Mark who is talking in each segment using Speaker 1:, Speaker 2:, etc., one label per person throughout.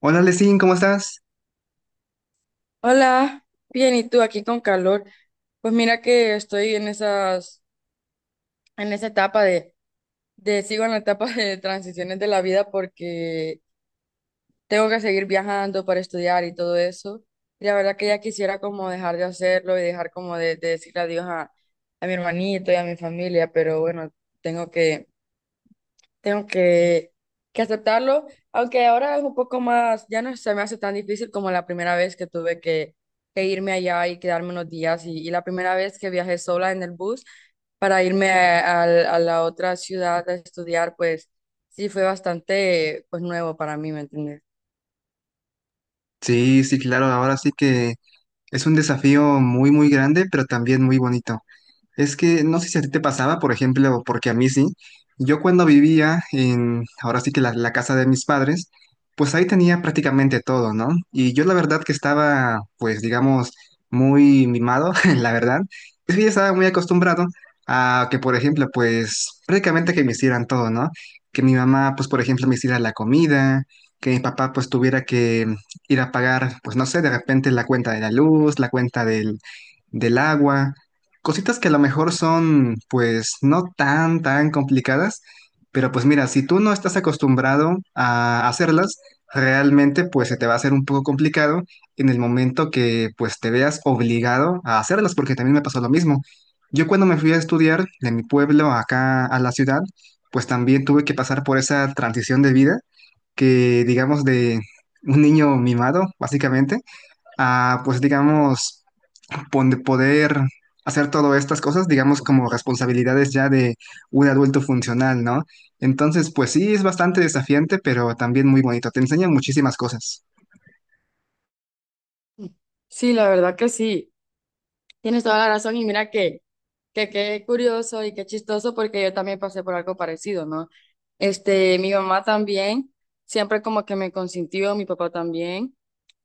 Speaker 1: Hola, Lesin, ¿cómo estás?
Speaker 2: Hola, bien, ¿y tú aquí con calor? Pues mira que estoy en esas, en esa etapa sigo en la etapa de transiciones de la vida porque tengo que seguir viajando para estudiar y todo eso. Y la verdad que ya quisiera como dejar de hacerlo y dejar como de decir adiós a mi hermanito y a mi familia, pero bueno, tengo que Tengo que, que aceptarlo, aunque ahora es un poco más, ya no se me hace tan difícil como la primera vez que tuve que irme allá y quedarme unos días y la primera vez que viajé sola en el bus para irme a, a la otra ciudad a estudiar, pues sí fue bastante pues nuevo para mí, ¿me entiendes?
Speaker 1: Sí, sí, claro, ahora sí que es un desafío muy, muy grande, pero también muy bonito. Es que no sé si a ti te pasaba, por ejemplo, porque a mí sí. Yo cuando vivía en, ahora sí que la casa de mis padres, pues ahí tenía prácticamente todo, ¿no? Y yo la verdad que estaba, pues digamos, muy mimado, la verdad. Es que ya estaba muy acostumbrado a que, por ejemplo, pues prácticamente que me hicieran todo, ¿no? Que mi mamá, pues por ejemplo, me hiciera la comida, que mi papá pues tuviera que ir a pagar, pues no sé, de repente la cuenta de la luz, la cuenta del agua. Cositas que a lo mejor son, pues, no tan, tan complicadas, pero pues mira, si tú no estás acostumbrado a hacerlas, realmente pues se te va a hacer un poco complicado en el momento que pues te veas obligado a hacerlas, porque también me pasó lo mismo. Yo cuando me fui a estudiar de mi pueblo acá a la ciudad, pues también tuve que pasar por esa transición de vida que digamos de un niño mimado, básicamente, a pues digamos donde poder hacer todas estas cosas, digamos, como responsabilidades ya de un adulto funcional, ¿no? Entonces, pues sí, es bastante desafiante, pero también muy bonito. Te enseña muchísimas cosas.
Speaker 2: Sí, la verdad que sí. Tienes toda la razón y mira que qué curioso y qué chistoso porque yo también pasé por algo parecido, ¿no? Este, mi mamá también, siempre como que me consintió, mi papá también.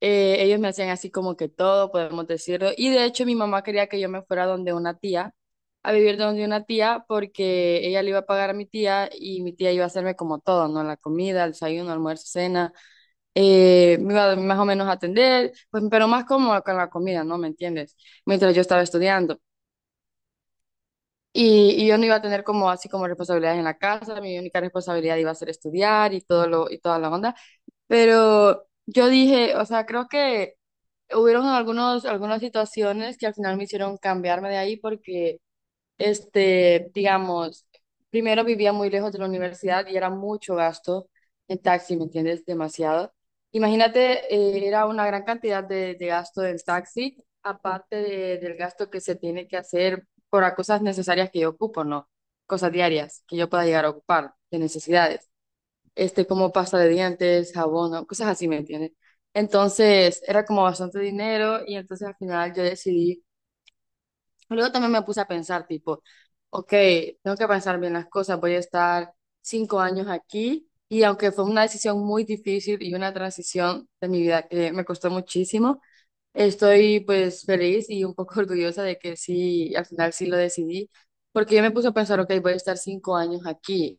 Speaker 2: Ellos me hacían así como que todo, podemos decirlo. Y de hecho mi mamá quería que yo me fuera donde una tía, a vivir donde una tía porque ella le iba a pagar a mi tía y mi tía iba a hacerme como todo, ¿no? La comida, el desayuno, almuerzo, cena me iba más o menos a atender, pues, pero más como con la comida, ¿no? ¿Me entiendes? Mientras yo estaba estudiando. Y yo no iba a tener como así como responsabilidades en la casa, mi única responsabilidad iba a ser estudiar y todo y toda la onda. Pero yo dije, o sea, creo que hubieron algunas situaciones que al final me hicieron cambiarme de ahí porque este, digamos, primero vivía muy lejos de la universidad y era mucho gasto en taxi, ¿me entiendes? Demasiado. Imagínate, era una gran cantidad de gasto del taxi, aparte del gasto que se tiene que hacer por las cosas necesarias que yo ocupo, ¿no? Cosas diarias que yo pueda llegar a ocupar, de necesidades. Este, como pasta de dientes, jabón, ¿no? Cosas así, ¿me entiendes? Entonces, era como bastante dinero y entonces al final yo decidí. Luego también me puse a pensar, tipo, ok, tengo que pensar bien las cosas, voy a estar cinco años aquí y aunque fue una decisión muy difícil y una transición de mi vida que me costó muchísimo, estoy pues feliz y un poco orgullosa de que sí, al final sí lo decidí, porque yo me puse a pensar, ok, voy a estar cinco años aquí,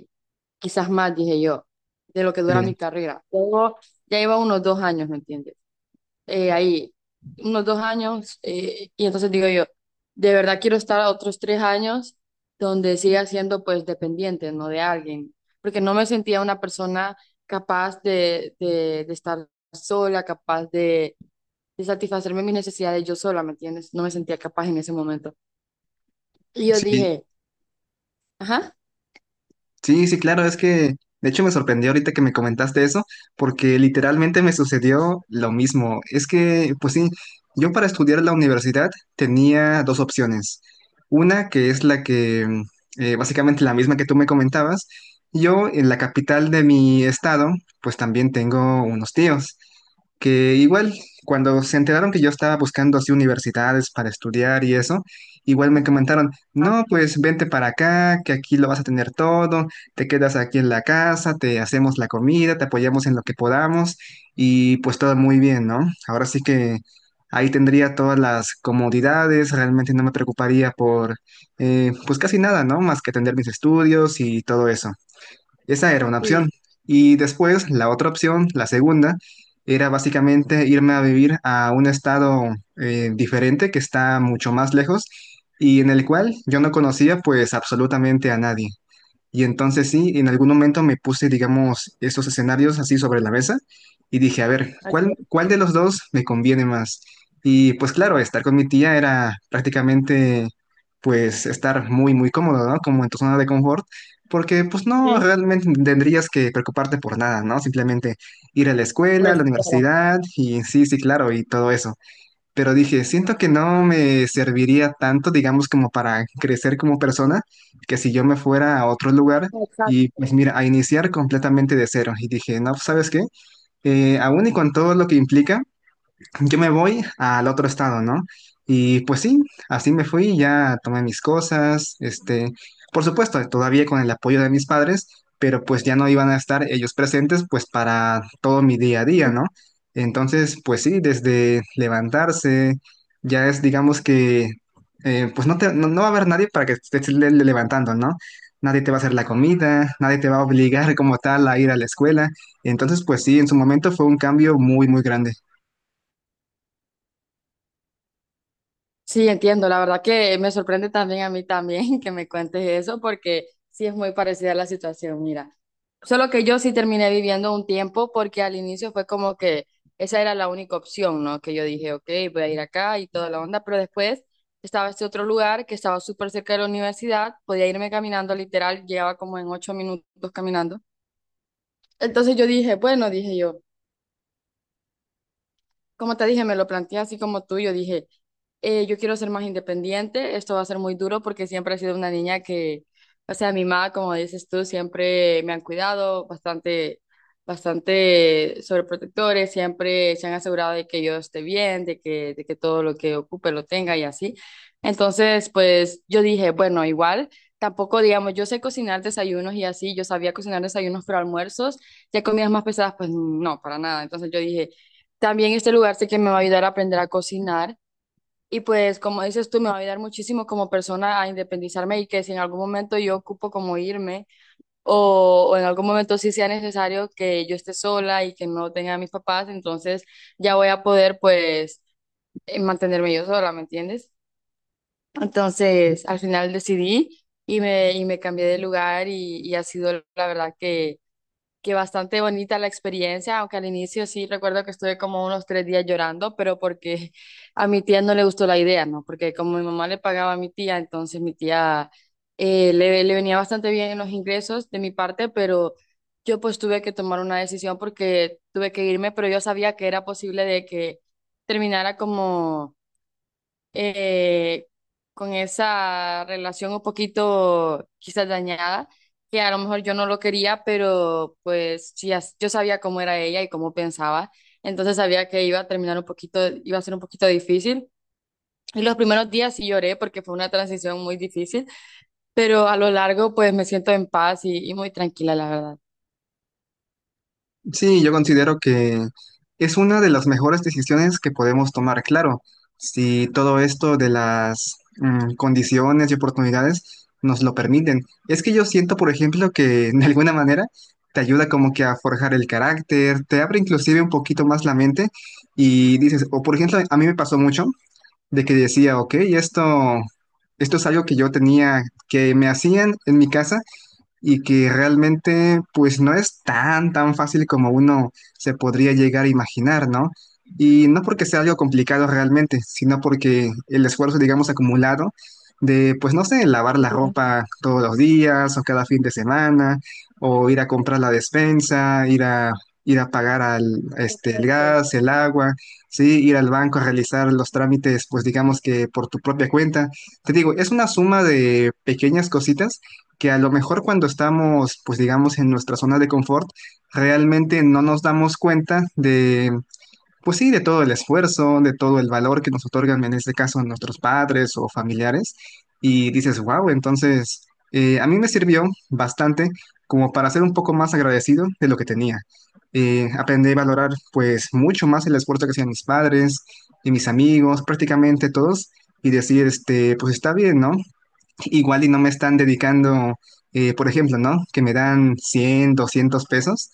Speaker 2: quizás más, dije yo, de lo que dura
Speaker 1: Eh,
Speaker 2: mi carrera. Luego ya iba unos dos años, ¿me entiendes? Ahí unos dos años y entonces digo yo, de verdad quiero estar a otros tres años donde siga siendo pues dependiente, no de alguien, porque no me sentía una persona capaz de estar sola, capaz de satisfacerme mis necesidades yo sola, ¿me entiendes? No me sentía capaz en ese momento. Y yo
Speaker 1: Sí,
Speaker 2: dije, ajá.
Speaker 1: sí, sí, claro, es que de hecho me sorprendió ahorita que me comentaste eso, porque literalmente me sucedió lo mismo. Es que, pues sí, yo para estudiar en la universidad tenía dos opciones. Una que es la que, básicamente la misma que tú me comentabas. Yo en la capital de mi estado, pues también tengo unos tíos que igual cuando se enteraron que yo estaba buscando así universidades para estudiar y eso, igual me comentaron,
Speaker 2: Ah,
Speaker 1: no, pues vente para acá, que aquí lo vas a tener todo, te quedas aquí en la casa, te hacemos la comida, te apoyamos en lo que podamos y pues todo muy bien, ¿no? Ahora sí que ahí tendría todas las comodidades, realmente no me preocuparía por pues casi nada, ¿no? Más que atender mis estudios y todo eso. Esa era una
Speaker 2: sí,
Speaker 1: opción. Y después la otra opción, la segunda, era básicamente irme a vivir a un estado diferente que está mucho más lejos y en el cual yo no conocía pues absolutamente a nadie. Y entonces sí, en algún momento me puse, digamos, estos escenarios así sobre la mesa y dije, a ver,
Speaker 2: así
Speaker 1: ¿cuál,
Speaker 2: es,
Speaker 1: cuál de los dos me conviene más? Y pues claro, estar con mi tía era prácticamente, pues, estar muy, muy cómodo, ¿no? Como en tu zona de confort, porque pues no,
Speaker 2: sí,
Speaker 1: realmente tendrías que preocuparte por nada, ¿no? Simplemente ir a la escuela, a
Speaker 2: pues,
Speaker 1: la
Speaker 2: claro.
Speaker 1: universidad y sí, sí, claro, y todo eso, pero dije, siento que no me serviría tanto, digamos, como para crecer como persona, que si yo me fuera a otro lugar y
Speaker 2: Exacto.
Speaker 1: pues mira, a iniciar completamente de cero. Y dije, no, pues, ¿sabes qué? Aún y con todo lo que implica, yo me voy al otro estado, ¿no? Y pues sí, así me fui, ya tomé mis cosas, por supuesto, todavía con el apoyo de mis padres, pero pues ya no iban a estar ellos presentes pues para todo mi día a día, ¿no? Entonces, pues sí, desde levantarse, ya es, digamos que, pues no, no, no va a haber nadie para que te estés levantando, ¿no? Nadie te va a hacer la comida, nadie te va a obligar como tal a ir a la escuela. Entonces, pues sí, en su momento fue un cambio muy, muy grande.
Speaker 2: Sí, entiendo. La verdad que me sorprende también a mí también que me cuentes eso, porque sí es muy parecida la situación, mira. Solo que yo sí terminé viviendo un tiempo porque al inicio fue como que esa era la única opción, ¿no? Que yo dije, ok, voy a ir acá y toda la onda, pero después estaba este otro lugar que estaba súper cerca de la universidad, podía irme caminando literal, llegaba como en ocho minutos caminando. Entonces yo dije, bueno, dije yo. Como te dije, me lo planteé así como tú, yo dije, yo quiero ser más independiente, esto va a ser muy duro porque siempre he sido una niña que, o sea, mi mamá, como dices tú, siempre me han cuidado bastante, bastante sobreprotectores, siempre se han asegurado de que yo esté bien, de que todo lo que ocupe lo tenga y así. Entonces, pues yo dije, bueno, igual, tampoco digamos, yo sé cocinar desayunos y así, yo sabía cocinar desayunos, pero almuerzos, ya comidas más pesadas, pues no, para nada. Entonces yo dije también este lugar sé que me va a ayudar a aprender a cocinar y pues como dices tú, me va a ayudar muchísimo como persona a independizarme y que si en algún momento yo ocupo como irme o en algún momento sí sea necesario que yo esté sola y que no tenga a mis papás, entonces ya voy a poder pues mantenerme yo sola, ¿me entiendes? Entonces al final decidí y me cambié de lugar y ha sido la verdad que bastante bonita la experiencia, aunque al inicio sí recuerdo que estuve como unos tres días llorando, pero porque a mi tía no le gustó la idea, ¿no? Porque como mi mamá le pagaba a mi tía, entonces mi tía le venía bastante bien en los ingresos de mi parte, pero yo pues tuve que tomar una decisión porque tuve que irme, pero yo sabía que era posible de que terminara como eh, con esa relación un poquito quizás dañada, que a lo mejor yo no lo quería, pero pues sí, yo sabía cómo era ella y cómo pensaba, entonces sabía que iba a terminar un poquito, iba a ser un poquito difícil. Y los primeros días sí lloré porque fue una transición muy difícil, pero a lo largo pues me siento en paz y muy tranquila, la verdad.
Speaker 1: Sí, yo considero que es una de las mejores decisiones que podemos tomar. Claro, si todo esto de las condiciones y oportunidades nos lo permiten. Es que yo siento, por ejemplo, que de alguna manera te ayuda como que a forjar el carácter, te abre inclusive un poquito más la mente y dices, o por ejemplo, a mí me pasó mucho de que decía, ok, esto es algo que yo tenía, que me hacían en mi casa y que realmente pues no es tan tan fácil como uno se podría llegar a imaginar, ¿no? Y no porque sea algo complicado realmente, sino porque el esfuerzo, digamos, acumulado de, pues no sé, lavar la ropa todos los días o cada fin de semana, o ir a comprar la despensa, ir a pagar al, el gas, el agua, ¿sí? Ir al banco a realizar los trámites, pues digamos que por tu propia cuenta. Te digo, es una suma de pequeñas cositas que a lo mejor cuando estamos, pues digamos, en nuestra zona de confort, realmente no nos damos cuenta de, pues sí, de todo el esfuerzo, de todo el valor que nos otorgan, en este caso, nuestros padres o familiares, y dices, wow, entonces a mí me sirvió bastante como para ser un poco más agradecido de lo que tenía. Aprendí a valorar pues mucho más el esfuerzo que hacían mis padres y mis amigos, prácticamente todos, y decir, este, pues está bien, ¿no? Igual y no me están dedicando, por ejemplo, ¿no? Que me dan 100 200 pesos.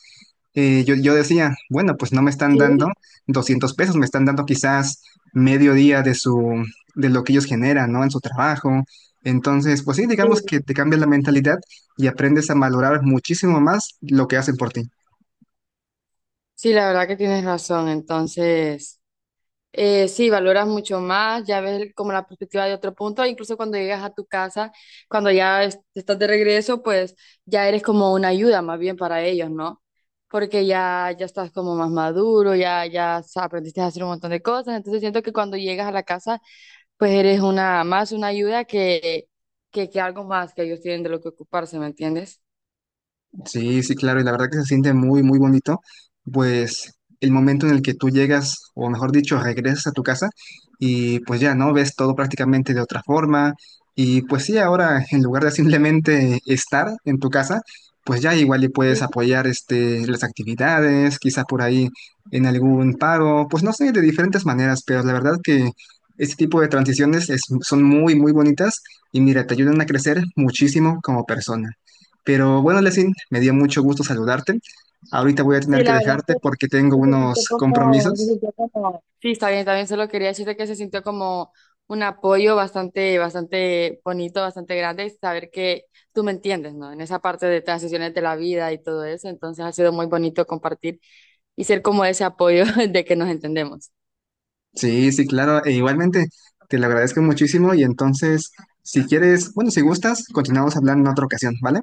Speaker 1: Yo decía, bueno, pues no me están dando 200 pesos, me están dando quizás medio día de su, de lo que ellos generan, ¿no? En su trabajo. Entonces, pues sí, digamos
Speaker 2: Sí,
Speaker 1: que te cambia la mentalidad y aprendes a valorar muchísimo más lo que hacen por ti.
Speaker 2: sí, la verdad que tienes razón, entonces... sí, valoras mucho más, ya ves como la perspectiva de otro punto, incluso cuando llegas a tu casa, cuando ya estás de regreso, pues ya eres como una ayuda más bien para ellos, ¿no? Porque ya, ya estás como más maduro, ya, aprendiste a hacer un montón de cosas, entonces siento que cuando llegas a la casa, pues eres una más una ayuda que algo más que ellos tienen de lo que ocuparse, ¿me entiendes?
Speaker 1: Sí, sí, claro, y la verdad que se siente muy, muy bonito, pues el momento en el que tú llegas, o mejor dicho, regresas a tu casa y pues ya, ¿no? Ves todo prácticamente de otra forma y pues sí, ahora en lugar de simplemente estar en tu casa, pues ya igual le puedes
Speaker 2: Sí,
Speaker 1: apoyar las actividades, quizá por ahí en algún paro, pues no sé, de diferentes maneras, pero la verdad que este tipo de transiciones son muy, muy bonitas y mira, te ayudan a crecer muchísimo como persona. Pero bueno, Lesin, me dio mucho gusto saludarte. Ahorita voy a tener
Speaker 2: sí,
Speaker 1: que
Speaker 2: la verdad.
Speaker 1: dejarte porque tengo unos compromisos.
Speaker 2: Sí, está bien, también solo quería decirte que se sintió como un apoyo bastante, bastante bonito, bastante grande, y saber que tú me entiendes, ¿no? En esa parte de transiciones de la vida y todo eso, entonces ha sido muy bonito compartir y ser como ese apoyo de que nos entendemos.
Speaker 1: Sí, sí, claro. E igualmente, te lo agradezco muchísimo. Y entonces, si quieres, bueno, si gustas, continuamos hablando en otra ocasión, ¿vale?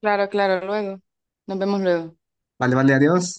Speaker 2: Claro, claro, luego. Nos vemos luego.
Speaker 1: Vale, vale, adiós.